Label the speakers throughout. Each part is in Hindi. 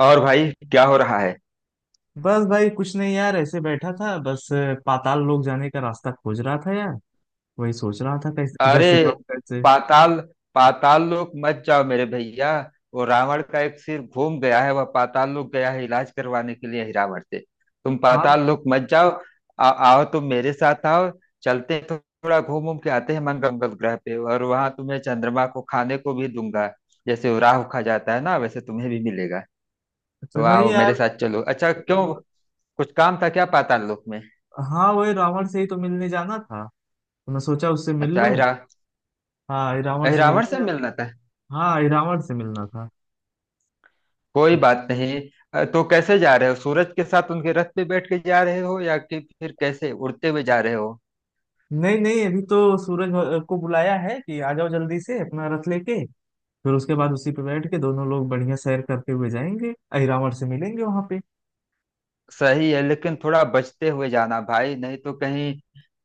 Speaker 1: और भाई, क्या हो रहा है?
Speaker 2: बस भाई कुछ नहीं यार, ऐसे बैठा था। बस पाताल लोक जाने का रास्ता खोज रहा था यार। वही सोच रहा था कैसे किधर
Speaker 1: अरे!
Speaker 2: से जाऊं कैसे।
Speaker 1: पाताल पाताल लोक मत जाओ मेरे भैया। वो रावण का एक सिर घूम गया है, वह पाताल लोक गया है इलाज करवाने के लिए ही रावण से। तुम
Speaker 2: हाँ।
Speaker 1: पाताल लोक मत जाओ। आओ, तुम मेरे साथ आओ। चलते हैं, थोड़ा घूम घूम के आते हैं मंगल ग्रह पे, और वहां तुम्हें चंद्रमा को खाने को भी दूंगा। जैसे वो राहु खा जाता है ना, वैसे तुम्हें भी मिलेगा।
Speaker 2: अच्छा
Speaker 1: तो
Speaker 2: नहीं
Speaker 1: आओ मेरे
Speaker 2: यार।
Speaker 1: साथ चलो। अच्छा, क्यों? कुछ काम था क्या पाताल लोक में?
Speaker 2: हाँ वही रावण से ही तो मिलने जाना था, तो मैं सोचा उससे मिल
Speaker 1: अच्छा,
Speaker 2: लूं। हाँ ये रावण से
Speaker 1: अहिरावण
Speaker 2: मिलने
Speaker 1: से
Speaker 2: जा।
Speaker 1: मिलना था।
Speaker 2: हाँ ये रावण से मिलना था।
Speaker 1: कोई बात नहीं। तो कैसे जा रहे हो? सूरज के साथ उनके रथ पे बैठ के जा रहे हो, या कि फिर कैसे उड़ते हुए जा रहे हो?
Speaker 2: नहीं नहीं, अभी तो सूरज को बुलाया है कि आ जाओ जल्दी से अपना रथ लेके। फिर उसके बाद उसी पे बैठ के दोनों लोग बढ़िया सैर करते हुए जाएंगे, अहिरावण से मिलेंगे वहां पे।
Speaker 1: सही है, लेकिन थोड़ा बचते हुए जाना भाई, नहीं तो कहीं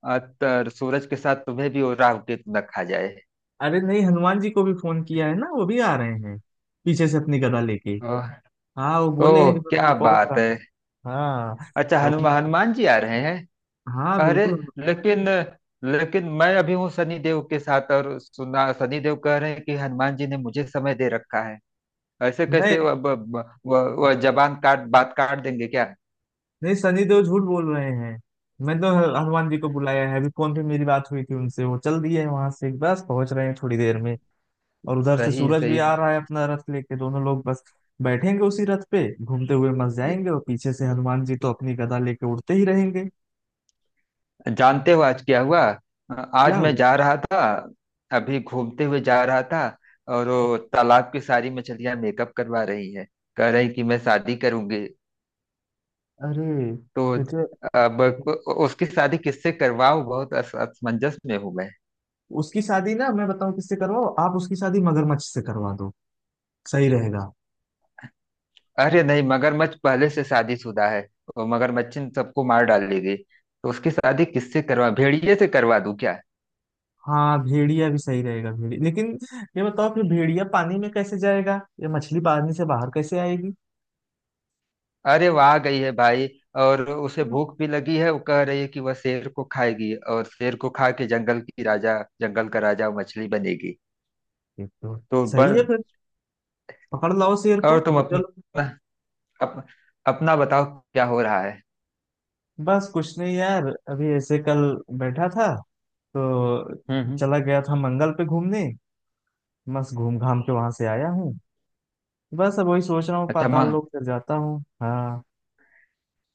Speaker 1: सूरज के साथ तुम्हें भी वो राहु केतु न खा जाए।
Speaker 2: अरे नहीं, हनुमान जी को भी फोन किया है ना, वो भी आ रहे हैं पीछे से अपनी गदा लेके।
Speaker 1: ओह।
Speaker 2: हाँ वो बोले
Speaker 1: ओह,
Speaker 2: हैं कि बस
Speaker 1: क्या
Speaker 2: मैं पहुंच
Speaker 1: बात
Speaker 2: रहा
Speaker 1: है!
Speaker 2: हूं। हाँ।
Speaker 1: अच्छा,
Speaker 2: वो अपनी-
Speaker 1: हनुमान हनुमान जी आ रहे हैं।
Speaker 2: हाँ
Speaker 1: अरे!
Speaker 2: बिल्कुल।
Speaker 1: लेकिन, मैं अभी हूँ शनिदेव के साथ, और सुना शनिदेव कह रहे हैं कि हनुमान जी ने मुझे समय दे रखा है। ऐसे कैसे?
Speaker 2: नहीं
Speaker 1: वह जबान काट बात काट देंगे क्या?
Speaker 2: नहीं, सनी देओल झूठ बोल रहे हैं। मैं तो हनुमान जी को बुलाया है, अभी फोन पे मेरी बात हुई थी उनसे, वो चल दिए हैं वहां से, बस पहुंच रहे हैं थोड़ी देर में। और उधर से
Speaker 1: सही है,
Speaker 2: सूरज भी
Speaker 1: सही
Speaker 2: आ रहा है अपना रथ लेके, दोनों लोग बस बैठेंगे उसी रथ पे, घूमते हुए मस
Speaker 1: है।
Speaker 2: जाएंगे। और पीछे से हनुमान जी तो अपनी गदा लेके उड़ते ही रहेंगे।
Speaker 1: जानते हो आज क्या हुआ?
Speaker 2: क्या
Speaker 1: आज मैं
Speaker 2: हुआ?
Speaker 1: जा रहा था, अभी घूमते हुए जा रहा था। और वो तालाब की सारी मछलियां मेकअप करवा रही है, कह रही कि मैं शादी करूंगी।
Speaker 2: अरे
Speaker 1: तो
Speaker 2: ये तो।
Speaker 1: अब उसकी शादी किससे करवाऊं? बहुत असमंजस में हूं मैं।
Speaker 2: उसकी शादी ना मैं बताऊं किससे करवाओ, आप उसकी शादी मगरमच्छ से करवा दो, सही रहेगा।
Speaker 1: अरे नहीं, मगरमच्छ पहले से शादीशुदा है। और मगरमच्छ ने सबको मार डालेगी, तो उसकी शादी किससे करवा भेड़िए से करवा दूं क्या?
Speaker 2: हाँ भेड़िया भी सही रहेगा भेड़िया, लेकिन ये बताओ कि भेड़िया पानी में कैसे जाएगा, ये मछली पानी से बाहर कैसे आएगी।
Speaker 1: अरे वहां गई है भाई, और उसे भूख भी लगी है। वो कह रही है कि वह शेर को खाएगी, और शेर को खा के जंगल का राजा मछली बनेगी।
Speaker 2: ये तो।
Speaker 1: तो
Speaker 2: सही है
Speaker 1: बन।
Speaker 2: फिर। पकड़ लाओ शेर
Speaker 1: और
Speaker 2: को।
Speaker 1: तुम
Speaker 2: चलो।
Speaker 1: अपना, अप, अपना बताओ, क्या हो रहा है?
Speaker 2: बस कुछ नहीं यार, अभी ऐसे कल बैठा था तो
Speaker 1: हम्म,
Speaker 2: चला गया था मंगल पे घूमने। बस घूम घाम के वहां से आया हूँ। बस अब वही सोच रहा हूँ
Speaker 1: अच्छा माँ।
Speaker 2: पाताल लोक फिर जाता हूँ हाँ।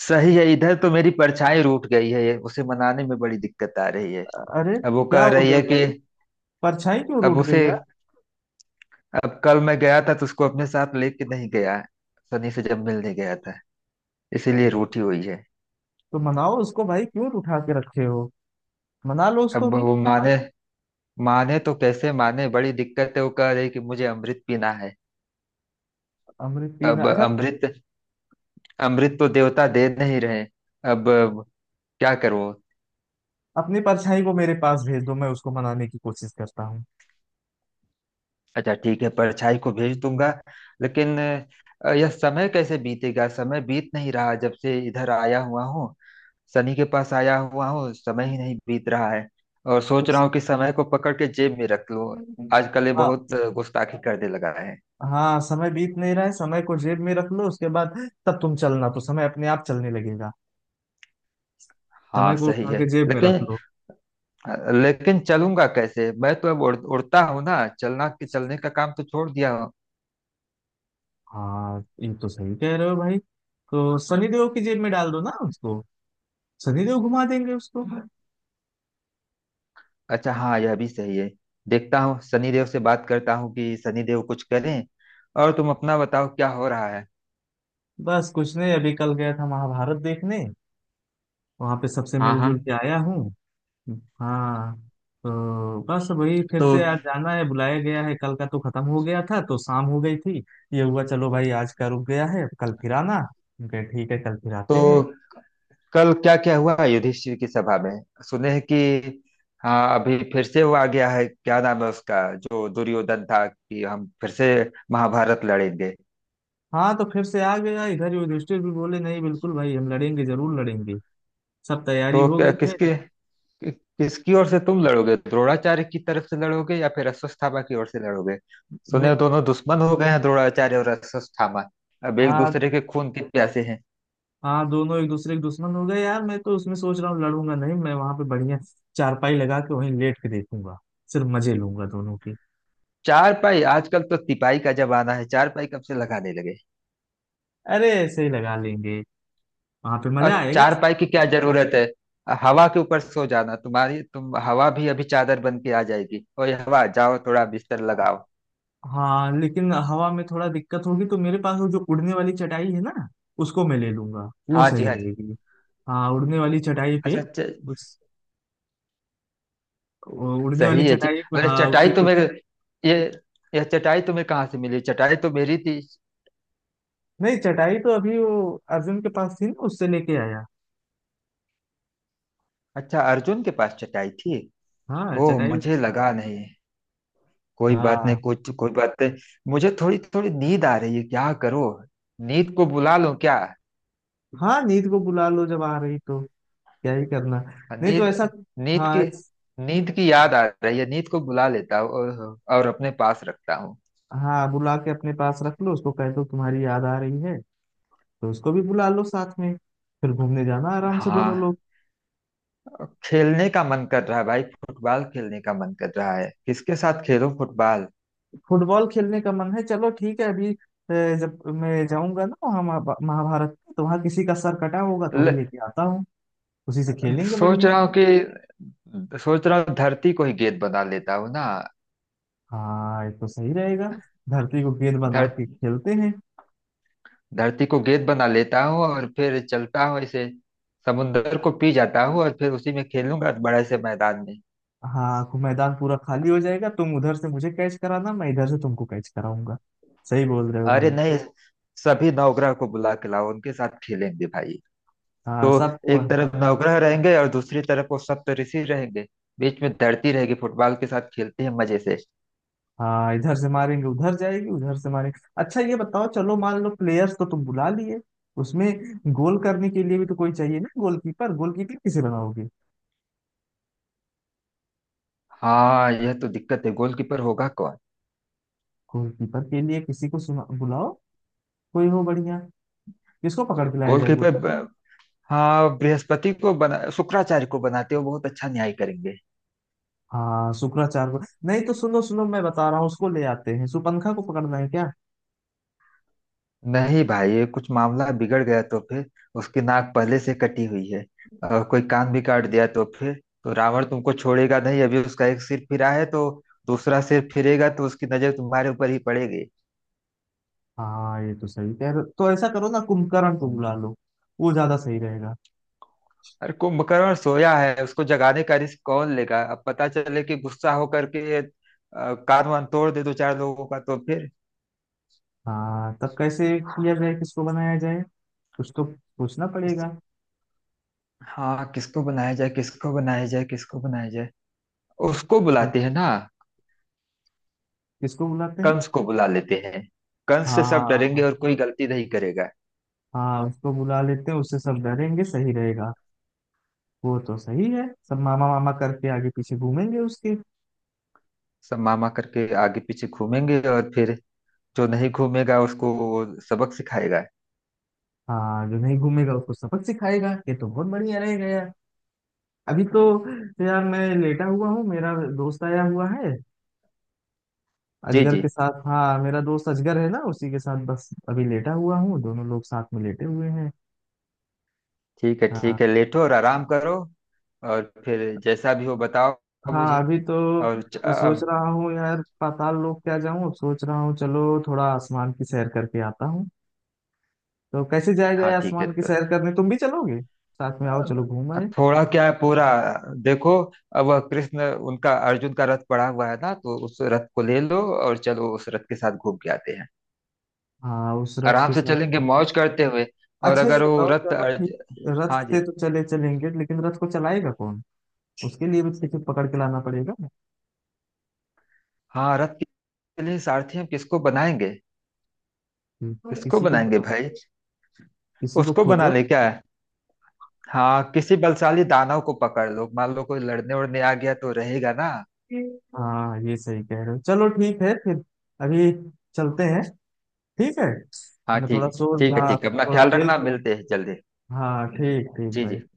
Speaker 1: सही है, इधर तो मेरी परछाई रूठ गई है, ये उसे मनाने में बड़ी दिक्कत आ रही है।
Speaker 2: अरे
Speaker 1: अब वो
Speaker 2: क्या
Speaker 1: कह
Speaker 2: हो
Speaker 1: रही
Speaker 2: गया
Speaker 1: है कि,
Speaker 2: भाई? परछाई क्यों
Speaker 1: अब
Speaker 2: रूठ
Speaker 1: उसे,
Speaker 2: गई?
Speaker 1: अब कल मैं गया था तो उसको अपने साथ लेके नहीं गया। सनी से जब मिलने गया था, इसीलिए
Speaker 2: अरे
Speaker 1: रूठी हुई है।
Speaker 2: तो मनाओ उसको भाई, क्यों उठा के रखे हो। मना लो उसको
Speaker 1: अब
Speaker 2: भी।
Speaker 1: वो माने, तो कैसे माने, बड़ी दिक्कत है। वो कह रही कि मुझे अमृत पीना है।
Speaker 2: अमृत पीना,
Speaker 1: अब
Speaker 2: अच्छा।
Speaker 1: अमृत, तो देवता दे नहीं रहे। अब क्या करो?
Speaker 2: अपनी परछाई को मेरे पास भेज दो, मैं उसको मनाने की कोशिश करता हूँ।
Speaker 1: अच्छा ठीक है, परछाई को भेज दूंगा। लेकिन यह समय कैसे बीतेगा? समय बीत नहीं रहा जब से इधर आया हुआ हूँ। सनी के पास आया हुआ हूँ, समय ही नहीं बीत रहा है। और सोच रहा
Speaker 2: उस-
Speaker 1: हूँ कि समय को पकड़ के जेब में रख लूं।
Speaker 2: हम्म।
Speaker 1: आजकल ये
Speaker 2: हाँ।
Speaker 1: बहुत गुस्ताखी करने लगा है।
Speaker 2: हाँ समय बीत नहीं रहा है, समय को जेब में रख लो उसके बाद। तब तुम चलना तो समय अपने आप चलने लगेगा।
Speaker 1: हाँ
Speaker 2: समय को
Speaker 1: सही
Speaker 2: उठा
Speaker 1: है,
Speaker 2: के जेब में रख
Speaker 1: लेकिन,
Speaker 2: लो।
Speaker 1: चलूंगा कैसे? मैं तो अब उड़ता हूँ ना, चलना के चलने का काम तो छोड़ दिया हूँ।
Speaker 2: हाँ ये तो सही कह रहे हो भाई। तो शनिदेव की जेब में डाल दो ना उसको, शनिदेव घुमा देंगे उसको।
Speaker 1: अच्छा हाँ, यह भी सही है। देखता हूँ, सनी देव से बात करता हूँ कि सनी देव कुछ करें। और तुम अपना बताओ, क्या हो रहा है?
Speaker 2: बस कुछ नहीं, अभी कल गया था महाभारत देखने। वहां पे सबसे
Speaker 1: हाँ हाँ।
Speaker 2: मिलजुल के आया हूँ। हाँ। तो बस वही फिर
Speaker 1: तो
Speaker 2: से आज जाना है, बुलाया गया है, कल का तो खत्म हो गया था तो शाम हो गई थी। ये हुआ चलो भाई आज का रुक गया है, कल फिर आना, हम कहे ठीक है कल फिर आते हैं।
Speaker 1: तो कल क्या क्या हुआ युधिष्ठिर की सभा में? सुने हैं कि हाँ, अभी फिर से वो आ गया है, क्या नाम है उसका, जो दुर्योधन था, कि हम फिर से महाभारत लड़ेंगे।
Speaker 2: हाँ तो फिर से आ गया इधर, युधिष्ठिर भी बोले नहीं बिल्कुल भाई हम लड़ेंगे जरूर लड़ेंगे। सब तैयारी
Speaker 1: तो
Speaker 2: हो
Speaker 1: क्या,
Speaker 2: गई है।
Speaker 1: कि- किसकी ओर से तुम लड़ोगे? द्रोणाचार्य की तरफ से लड़ोगे, या फिर अश्वत्थामा की ओर से लड़ोगे? सुने,
Speaker 2: ने,
Speaker 1: दोनों दुश्मन हो गए हैं, द्रोणाचार्य और अश्वत्थामा अब एक
Speaker 2: हाँ
Speaker 1: दूसरे के खून के प्यासे हैं।
Speaker 2: हाँ, दोनों एक दूसरे के दुश्मन हो गए यार, मैं तो उसमें सोच रहा हूँ लड़ूंगा नहीं, मैं वहां पे बढ़िया चारपाई लगा के वहीं लेट के देखूंगा। सिर्फ मजे लूंगा दोनों की।
Speaker 1: चार पाई? आजकल तो तिपाई का जमाना है, चार पाई कब से लगाने लगे?
Speaker 2: अरे ऐसे ही लगा लेंगे, वहां पे मजा
Speaker 1: और
Speaker 2: आएगा।
Speaker 1: चार पाई की क्या जरूरत है? हवा के ऊपर सो जाना। तुम, हवा भी अभी चादर बन के आ जाएगी। और ये हवा, जाओ थोड़ा बिस्तर लगाओ।
Speaker 2: हाँ लेकिन हवा में थोड़ा दिक्कत होगी, तो मेरे पास वो जो उड़ने वाली चटाई है ना, उसको मैं ले लूंगा, वो
Speaker 1: हाँ जी,
Speaker 2: सही
Speaker 1: हाँ जी।
Speaker 2: रहेगी। हाँ उड़ने वाली चटाई पे।
Speaker 1: अच्छा,
Speaker 2: उस वो उड़ने वाली
Speaker 1: सही है जी।
Speaker 2: चटाई पे,
Speaker 1: अरे!
Speaker 2: हाँ
Speaker 1: चटाई
Speaker 2: उसी
Speaker 1: तो
Speaker 2: पे।
Speaker 1: मेरे ये यह चटाई तुम्हें कहाँ से मिली? चटाई तो मेरी थी।
Speaker 2: नहीं चटाई तो अभी वो अर्जुन के पास थी ना, उससे लेके आया।
Speaker 1: अच्छा, अर्जुन के पास चटाई थी।
Speaker 2: हाँ
Speaker 1: ओह,
Speaker 2: चटाई
Speaker 1: मुझे लगा नहीं। कोई बात नहीं,
Speaker 2: हाँ।
Speaker 1: कुछ कोई बात नहीं। मुझे थोड़ी थोड़ी नींद आ रही है, क्या करो? नींद को बुला लूं क्या?
Speaker 2: हाँ नींद को बुला लो, जब आ रही तो क्या ही करना। नहीं तो
Speaker 1: नींद
Speaker 2: ऐसा।
Speaker 1: नींद
Speaker 2: हाँ
Speaker 1: की नींद की याद आ रही है, नींद को बुला लेता हूँ और, अपने पास रखता हूँ।
Speaker 2: हाँ बुला के अपने पास रख लो, उसको कह दो तुम्हारी याद आ रही है, तो उसको भी बुला लो साथ में। फिर घूमने जाना आराम से दोनों
Speaker 1: हाँ,
Speaker 2: लोग।
Speaker 1: खेलने का मन कर रहा है भाई, फुटबॉल खेलने का मन कर रहा है, किसके साथ खेलूं फुटबॉल?
Speaker 2: फुटबॉल खेलने का मन है, चलो ठीक है अभी जब मैं जाऊंगा ना वहाँ महाभारत में, तो वहाँ किसी का सर कटा होगा तो वही
Speaker 1: ल,
Speaker 2: लेके आता हूँ। उसी से खेलेंगे
Speaker 1: सोच
Speaker 2: बढ़िया।
Speaker 1: रहा हूँ कि, सोच रहा हूँ धरती को ही गेंद बना लेता हूँ ना।
Speaker 2: हाँ ये तो सही रहेगा, धरती को गेंद बना
Speaker 1: धर,
Speaker 2: के खेलते हैं।
Speaker 1: धरती को गेंद बना लेता हूँ और फिर चलता हूँ ऐसे। समुंदर को पी जाता हूँ और फिर उसी में खेलूंगा बड़े से मैदान में।
Speaker 2: हाँ मैदान पूरा खाली हो जाएगा, तुम उधर से मुझे कैच कराना, मैं इधर से तुमको कैच कराऊंगा। सही बोल रहे हो
Speaker 1: अरे
Speaker 2: भाई।
Speaker 1: नहीं, सभी नवग्रह को बुला के लाओ, उनके साथ खेलेंगे भाई।
Speaker 2: हाँ
Speaker 1: तो
Speaker 2: सबको।
Speaker 1: एक तरफ नवग्रह रहेंगे और दूसरी तरफ वो सप्तऋषि रहेंगे, बीच में धरती रहेगी, फुटबॉल के साथ खेलते हैं मजे से।
Speaker 2: हाँ इधर से मारेंगे उधर जाएगी, उधर से मारेंगे। अच्छा ये बताओ, चलो मान लो प्लेयर्स तो तुम बुला लिए, उसमें गोल करने के लिए भी तो कोई चाहिए ना, गोलकीपर। गोलकीपर किसे बनाओगे?
Speaker 1: हाँ, यह तो दिक्कत है, गोलकीपर होगा कौन?
Speaker 2: गोलकीपर के लिए किसी को सुना बुलाओ, कोई हो बढ़िया। किसको पकड़ के लाया जाए गोल।
Speaker 1: गोलकीपर ब- हाँ, बृहस्पति को बना शुक्राचार्य को बनाते हो, बहुत अच्छा न्याय करेंगे।
Speaker 2: हाँ शुक्राचार्य को। नहीं तो सुनो सुनो, मैं बता रहा हूँ, उसको ले आते हैं, सुपंखा को पकड़ना है क्या।
Speaker 1: नहीं भाई, ये कुछ मामला बिगड़ गया तो फिर, उसकी नाक पहले से कटी हुई है, और कोई कान भी काट दिया तो फिर तो रावण तुमको छोड़ेगा नहीं। अभी उसका एक सिर फिरा है, तो दूसरा सिर फिरेगा तो उसकी नजर तुम्हारे ऊपर ही पड़ेगी।
Speaker 2: हाँ ये तो सही कह रहे हो। तो ऐसा करो ना कुंभकर्ण को बुला लो, वो ज्यादा सही रहेगा।
Speaker 1: अरे कुंभकर्ण सोया है, उसको जगाने का रिस्क कौन लेगा? अब पता चले कि गुस्सा होकर के कान वान तोड़ दे, दो चार लोगों का, तो फिर?
Speaker 2: हाँ तब कैसे किया जाए, किसको बनाया जाए। कुछ तो पूछना
Speaker 1: किस,
Speaker 2: पड़ेगा।
Speaker 1: हाँ, किसको बनाया जाए, किसको बनाया जाए, किसको बनाया जाए? उसको बुलाते हैं ना,
Speaker 2: किसको बुलाते हैं?
Speaker 1: कंस को बुला लेते हैं। कंस से सब डरेंगे
Speaker 2: हाँ
Speaker 1: और कोई गलती नहीं करेगा।
Speaker 2: हाँ, उसको बुला लेते हैं, उससे सब डरेंगे, सही रहेगा। वो तो सही है, सब मामा मामा करके आगे पीछे घूमेंगे उसके।
Speaker 1: सब मामा करके आगे पीछे घूमेंगे, और फिर जो नहीं घूमेगा उसको वो सबक सिखाएगा।
Speaker 2: हाँ जो नहीं घूमेगा उसको सबक सिखाएगा, ये तो बहुत बढ़िया रहेगा यार। अभी तो यार मैं लेटा हुआ हूँ, मेरा दोस्त आया हुआ है
Speaker 1: जी
Speaker 2: अजगर
Speaker 1: जी।
Speaker 2: के साथ। हाँ मेरा दोस्त अजगर है ना, उसी के साथ बस अभी लेटा हुआ हूँ, दोनों लोग साथ में लेटे हुए हैं।
Speaker 1: ठीक है,
Speaker 2: हाँ।
Speaker 1: ठीक है, लेटो और आराम करो, और फिर जैसा भी हो बताओ
Speaker 2: हाँ
Speaker 1: मुझे।
Speaker 2: अभी तो
Speaker 1: और
Speaker 2: मैं सोच
Speaker 1: अब,
Speaker 2: रहा हूँ यार, पाताल लोक क्या जाऊँ, अब सोच रहा हूँ चलो थोड़ा आसमान की सैर करके आता हूँ। तो कैसे जाएगा ये
Speaker 1: हाँ ठीक है,
Speaker 2: आसमान की
Speaker 1: तो
Speaker 2: सैर करने, तुम भी चलोगे साथ में, आओ चलो घूम आए।
Speaker 1: अब थोड़ा, क्या है पूरा, देखो, अब वह कृष्ण उनका अर्जुन का रथ पड़ा हुआ है ना, तो उस रथ को ले लो और चलो उस रथ के साथ घूम के आते हैं।
Speaker 2: हाँ उस रथ
Speaker 1: आराम
Speaker 2: के
Speaker 1: से
Speaker 2: साथ।
Speaker 1: चलेंगे मौज करते हुए। और
Speaker 2: अच्छा ये
Speaker 1: अगर वो
Speaker 2: बताओ
Speaker 1: रथ
Speaker 2: चलो ठीक, रथ
Speaker 1: हाँ
Speaker 2: से
Speaker 1: जी।
Speaker 2: तो चले चलेंगे लेकिन रथ को चलाएगा कौन? उसके लिए भी किसी को पकड़ के लाना पड़ेगा।
Speaker 1: हाँ रथ के लिए सारथी हम किसको बनाएंगे? किसको
Speaker 2: किसी को
Speaker 1: बनाएंगे
Speaker 2: बताओ,
Speaker 1: भाई,
Speaker 2: किसी को
Speaker 1: उसको बना
Speaker 2: खोजो।
Speaker 1: ले, क्या है? हाँ, किसी बलशाली दानव को पकड़ लो, मान लो कोई लड़ने उड़ने आ गया तो रहेगा ना।
Speaker 2: हाँ ये सही कह रहे हो, चलो ठीक है फिर अभी चलते हैं ठीक है।
Speaker 1: हाँ
Speaker 2: मैं
Speaker 1: ठीक
Speaker 2: थोड़ा
Speaker 1: है, ठीक है,
Speaker 2: हाँ
Speaker 1: ठीक है, अपना
Speaker 2: थोड़ा
Speaker 1: ख्याल
Speaker 2: खेल
Speaker 1: रखना,
Speaker 2: कूद।
Speaker 1: मिलते हैं जल्दी।
Speaker 2: हाँ ठीक ठीक
Speaker 1: जी
Speaker 2: भाई।
Speaker 1: जी।